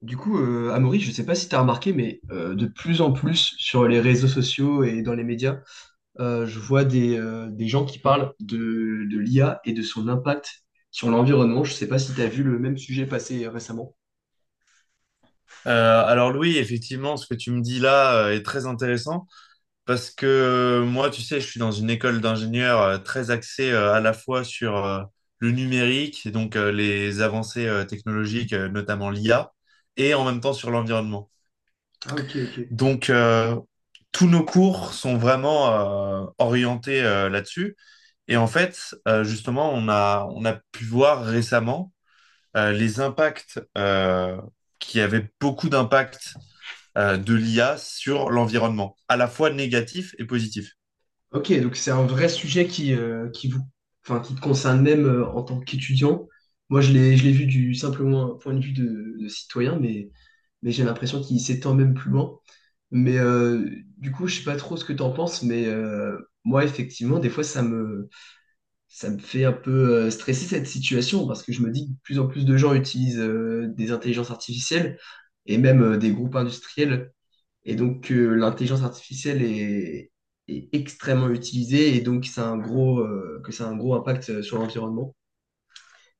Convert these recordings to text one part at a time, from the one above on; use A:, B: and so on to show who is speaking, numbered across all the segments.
A: Du coup, Amaury, je ne sais pas si tu as remarqué, mais de plus en plus sur les réseaux sociaux et dans les médias, je vois des gens qui parlent de l'IA et de son impact sur l'environnement. Je ne sais pas si tu as vu le même sujet passer récemment.
B: Alors Louis, effectivement, ce que tu me dis là est très intéressant parce que moi, tu sais, je suis dans une école d'ingénieurs très axée à la fois sur le numérique et donc les avancées technologiques, notamment l'IA, et en même temps sur l'environnement.
A: Ah, ok, ok.
B: Donc, tous nos cours sont vraiment orientés là-dessus. Et en fait, justement, on a pu voir récemment les impacts qui avaient beaucoup d'impacts de l'IA sur l'environnement, à la fois négatif et positif.
A: Ok, donc c'est un vrai sujet qui vous, enfin, qui te concerne même en tant qu'étudiant. Moi, je l'ai vu du simplement un point de vue de citoyen, mais j'ai l'impression qu'il s'étend même plus loin. Mais du coup, je sais pas trop ce que tu en penses, mais moi, effectivement, des fois, ça me fait un peu stresser cette situation parce que je me dis que de plus en plus de gens utilisent des intelligences artificielles et même des groupes industriels et donc, l'intelligence artificielle est extrêmement utilisée et donc ça a un gros, que ça a un gros impact sur l'environnement.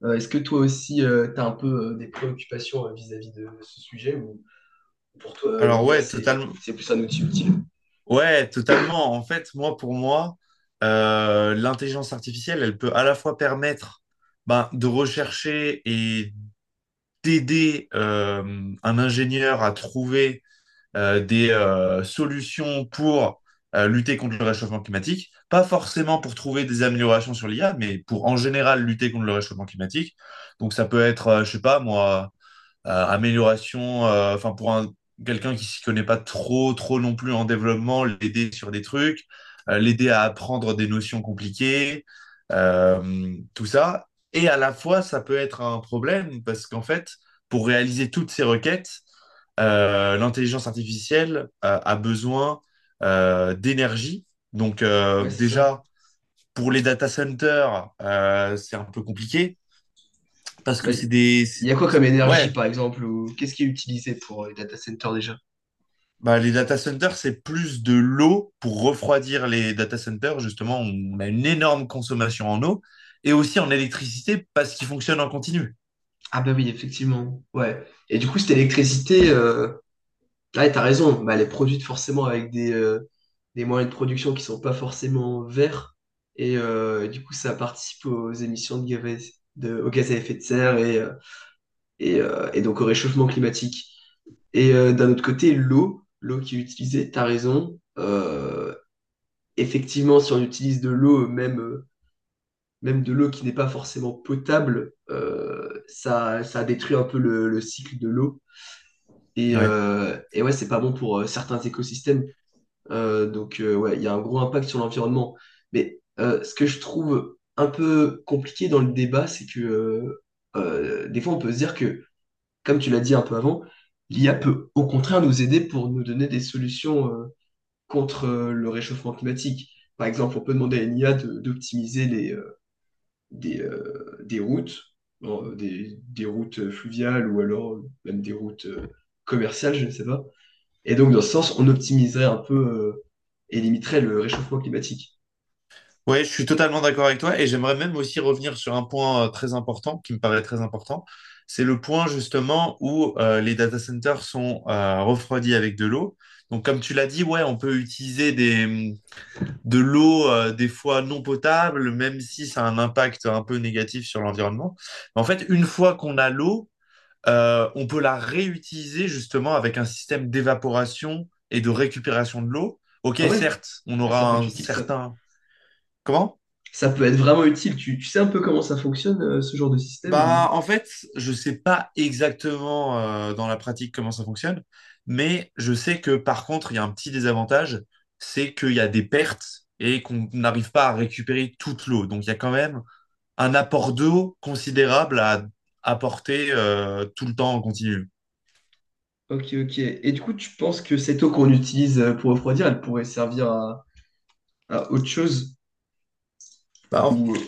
A: Est-ce que toi aussi, tu as un peu des préoccupations vis-à-vis de ce sujet ou pour toi,
B: Alors
A: l'IA,
B: ouais, totalement.
A: c'est plus un outil utile?
B: Ouais, totalement. En fait, moi, pour moi, l'intelligence artificielle, elle peut à la fois permettre ben, de rechercher et d'aider un ingénieur à trouver des solutions pour lutter contre le réchauffement climatique, pas forcément pour trouver des améliorations sur l'IA, mais pour en général lutter contre le réchauffement climatique. Donc ça peut être, je sais pas moi, amélioration, enfin pour un quelqu'un qui s'y connaît pas trop non plus en développement, l'aider sur des trucs, l'aider à apprendre des notions compliquées, tout ça. Et à la fois, ça peut être un problème parce qu'en fait, pour réaliser toutes ces requêtes, l'intelligence artificielle a besoin d'énergie. Donc
A: Ouais, c'est ça.
B: déjà, pour les data centers, c'est un peu compliqué parce
A: Bah,
B: que c'est des...
A: il
B: c'est-
A: y a quoi comme énergie,
B: Ouais.
A: par exemple, ou qu'est-ce qui est utilisé pour les data centers déjà?
B: Bah, les data centers, c'est plus de l'eau pour refroidir les data centers. Justement, on a une énorme consommation en eau et aussi en électricité parce qu'ils fonctionnent en continu.
A: Ah bah oui, effectivement. Ouais. Et du coup, cette électricité, là, tu as raison, bah, elle est produite forcément avec des moyens de production qui sont pas forcément verts. Et du coup, ça participe aux émissions de gaz à effet de serre et donc au réchauffement climatique. Et d'un autre côté, l'eau qui est utilisée, tu as raison. Effectivement, si on utilise de l'eau, même de l'eau qui n'est pas forcément potable, ça détruit un peu le cycle de l'eau. Et,
B: Ouais.
A: euh, et ouais, c'est pas bon pour certains écosystèmes. Donc, ouais, il y a un gros impact sur l'environnement. Mais ce que je trouve un peu compliqué dans le débat, c'est que des fois, on peut se dire que, comme tu l'as dit un peu avant, l'IA peut au contraire nous aider pour nous donner des solutions contre le réchauffement climatique. Par exemple, on peut demander à une IA d'optimiser des routes, des routes fluviales ou alors même des routes commerciales, je ne sais pas, et donc, dans ce sens, on optimiserait un peu et limiterait le réchauffement climatique.
B: Ouais, je suis totalement d'accord avec toi et j'aimerais même aussi revenir sur un point très important qui me paraît très important. C'est le point justement où les data centers sont refroidis avec de l'eau. Donc, comme tu l'as dit, ouais, on peut utiliser de l'eau, des fois non potable, même si ça a un impact un peu négatif sur l'environnement. En fait, une fois qu'on a l'eau, on peut la réutiliser justement avec un système d'évaporation et de récupération de l'eau. Ok,
A: Ah ouais?
B: certes, on
A: Ah, ça
B: aura
A: peut être
B: un
A: utile, ça.
B: certain... Comment?
A: Ça peut être vraiment utile. Tu sais un peu comment ça fonctionne, ce genre de système?
B: Bah,
A: Ou...
B: en fait, je sais pas exactement dans la pratique comment ça fonctionne, mais je sais que par contre, il y a un petit désavantage, c'est qu'il y a des pertes et qu'on n'arrive pas à récupérer toute l'eau. Donc, il y a quand même un apport d'eau considérable à apporter tout le temps en continu.
A: ok, ok. Et du coup, tu penses que cette eau qu'on utilise pour refroidir, elle pourrait servir à autre chose?
B: Bah.
A: Ou...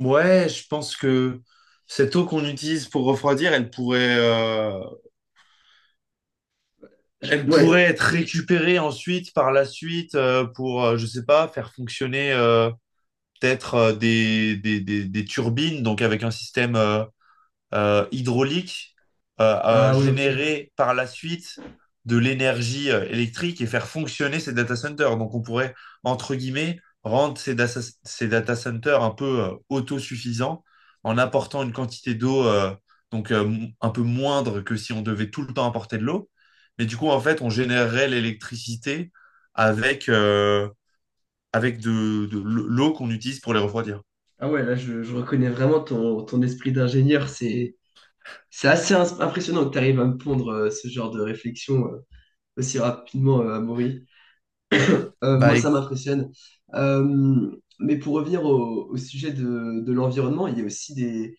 B: Ouais, je pense que cette eau qu'on utilise pour refroidir, elle pourrait
A: ouais.
B: être récupérée ensuite par la suite pour, je sais pas, faire fonctionner peut-être des turbines, donc avec un système hydraulique
A: Ah ouais, ok.
B: générer par la suite de l'énergie électrique et faire fonctionner ces data centers. Donc on pourrait, entre guillemets, rendre ces data centers un peu autosuffisants en apportant une quantité d'eau donc un peu moindre que si on devait tout le temps apporter de l'eau. Mais du coup, en fait, on générerait l'électricité avec, avec de l'eau qu'on utilise pour les refroidir.
A: Ah ouais, là, je reconnais vraiment ton esprit d'ingénieur. C'est assez impressionnant que tu arrives à me pondre ce genre de réflexion aussi rapidement, Amaury. Moi,
B: Bah.
A: ça m'impressionne. Euh, mais pour revenir au sujet de l'environnement, il y a aussi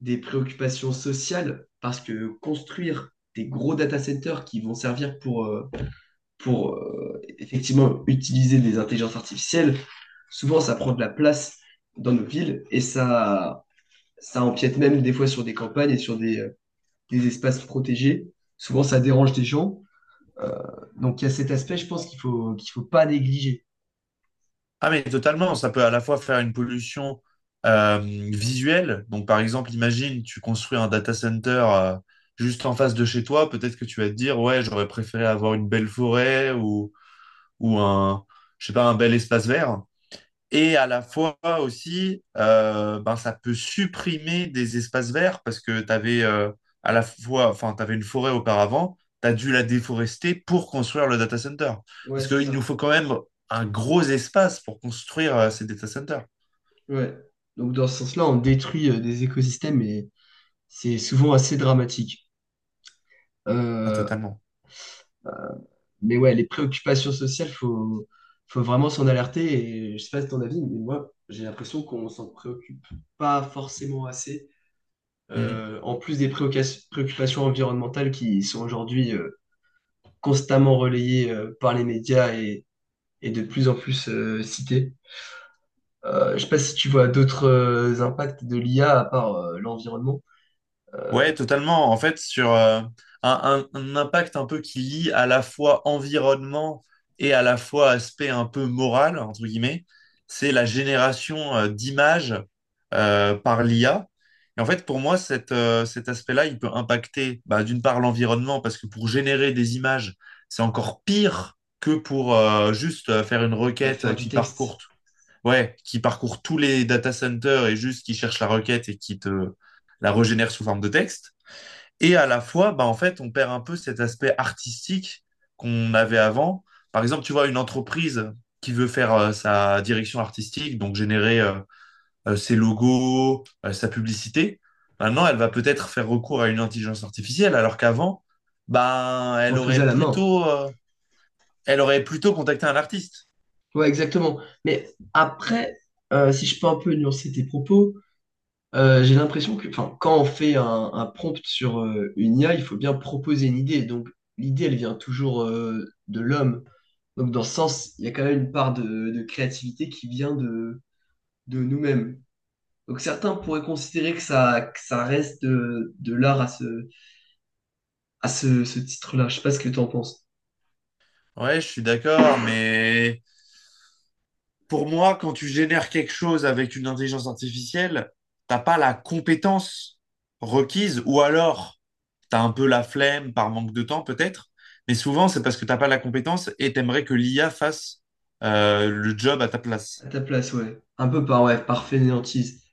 A: des préoccupations sociales parce que construire des gros data centers qui vont servir pour effectivement utiliser des intelligences artificielles, souvent ça prend de la place dans nos villes et ça empiète même des fois sur des campagnes et sur des espaces protégés. Souvent, ça dérange des gens. Euh, donc, il y a cet aspect, je pense, qu'il faut pas négliger.
B: Ah mais totalement, ça peut à la fois faire une pollution visuelle. Donc par exemple, imagine, tu construis un data center juste en face de chez toi, peut-être que tu vas te dire, ouais, j'aurais préféré avoir une belle forêt ou un, je sais pas, un bel espace vert. Et à la fois aussi, ben, ça peut supprimer des espaces verts parce que tu avais à la fois, enfin, tu une forêt auparavant, tu as dû la déforester pour construire le data center.
A: Ouais,
B: Parce
A: c'est
B: qu'il nous
A: ça.
B: faut quand même un gros espace pour construire ces data centers.
A: Ouais. Donc dans ce sens-là, on détruit des écosystèmes et c'est souvent assez dramatique.
B: Ah,
A: Euh,
B: totalement.
A: mais ouais, les préoccupations sociales, faut vraiment s'en alerter. Et je sais pas si ton avis, mais moi, j'ai l'impression qu'on s'en préoccupe pas forcément assez.
B: Mm.
A: En plus des préoccupations environnementales qui sont aujourd'hui constamment relayées par les médias et de plus en plus citées. Je sais pas si tu vois d'autres impacts de l'IA à part l'environnement.
B: Ouais, totalement. En fait, sur un impact un peu qui lie à la fois environnement et à la fois aspect un peu moral, entre guillemets, c'est la génération d'images par l'IA. Et en fait, pour moi, cet aspect-là, il peut impacter bah, d'une part l'environnement, parce que pour générer des images, c'est encore pire que pour juste faire une
A: À
B: requête
A: faire du
B: qui parcourt
A: texte,
B: ouais, qui parcourt tous les data centers et juste qui cherche la requête et qui te la régénère sous forme de texte. Et à la fois, bah, en fait, on perd un peu cet aspect artistique qu'on avait avant. Par exemple, tu vois, une entreprise qui veut faire sa direction artistique, donc générer ses logos, sa publicité, maintenant, elle va peut-être faire recours à une intelligence artificielle, alors qu'avant, ben,
A: on le faisait à la main.
B: elle aurait plutôt contacté un artiste.
A: Ouais, exactement. Mais après, si je peux un peu nuancer tes propos, j'ai l'impression que enfin, quand on fait un prompt sur une IA, il faut bien proposer une idée. Donc l'idée, elle vient toujours de l'homme. Donc dans ce sens, il y a quand même une part de créativité qui vient de nous-mêmes. Donc certains pourraient considérer que ça reste de l'art à ce titre-là. Je sais pas ce que tu en penses.
B: Ouais, je suis d'accord, mais pour moi, quand tu génères quelque chose avec une intelligence artificielle, t'as pas la compétence requise, ou alors t'as un peu la flemme par manque de temps peut-être, mais souvent c'est parce que t'as pas la compétence et t'aimerais que l'IA fasse le job à ta
A: À
B: place.
A: ta place, ouais. Un peu par, ouais, par fainéantise.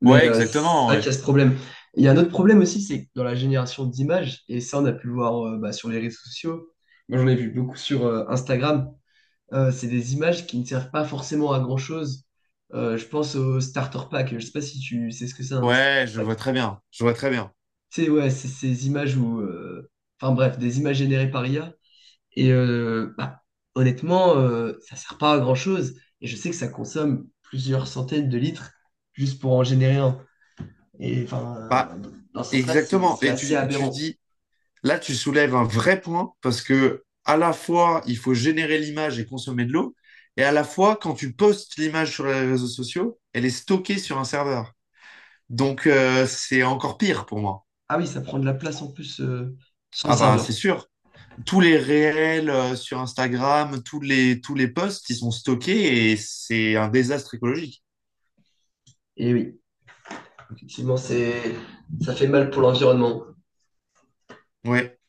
A: Mais
B: Ouais,
A: c'est
B: exactement.
A: vrai qu'il
B: Ouais.
A: y a ce problème. Il y a un autre problème aussi, c'est que dans la génération d'images, et ça on a pu le voir bah, sur les réseaux sociaux, moi j'en ai vu beaucoup sur Instagram, c'est des images qui ne servent pas forcément à grand-chose. Je pense au starter pack, je sais pas si tu sais ce que c'est un starter
B: Ouais, je
A: pack.
B: vois très bien. Je vois très bien.
A: Tu ouais, c'est ces images où... enfin bref, des images générées par IA. Et honnêtement, ça sert pas à grand-chose. Et je sais que ça consomme plusieurs centaines de litres juste pour en générer un. Et enfin,
B: Bah,
A: dans ce sens-là,
B: exactement.
A: c'est
B: Et
A: assez
B: tu
A: aberrant.
B: dis Là, tu soulèves un vrai point parce que à la fois, il faut générer l'image et consommer de l'eau, et à la fois, quand tu postes l'image sur les réseaux sociaux, elle est stockée sur un serveur. Donc, c'est encore pire pour moi.
A: Ah oui, ça prend de la place en plus sur le
B: Ah bah, c'est
A: serveur.
B: sûr. Tous les réels sur Instagram, tous les posts, ils sont stockés et c'est un désastre écologique.
A: Et oui, effectivement, c'est ça fait mal pour l'environnement.
B: Ouais.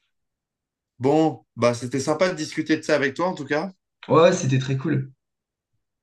B: Bon, bah, c'était sympa de discuter de ça avec toi, en tout cas.
A: Ouais, ouais, c'était très cool.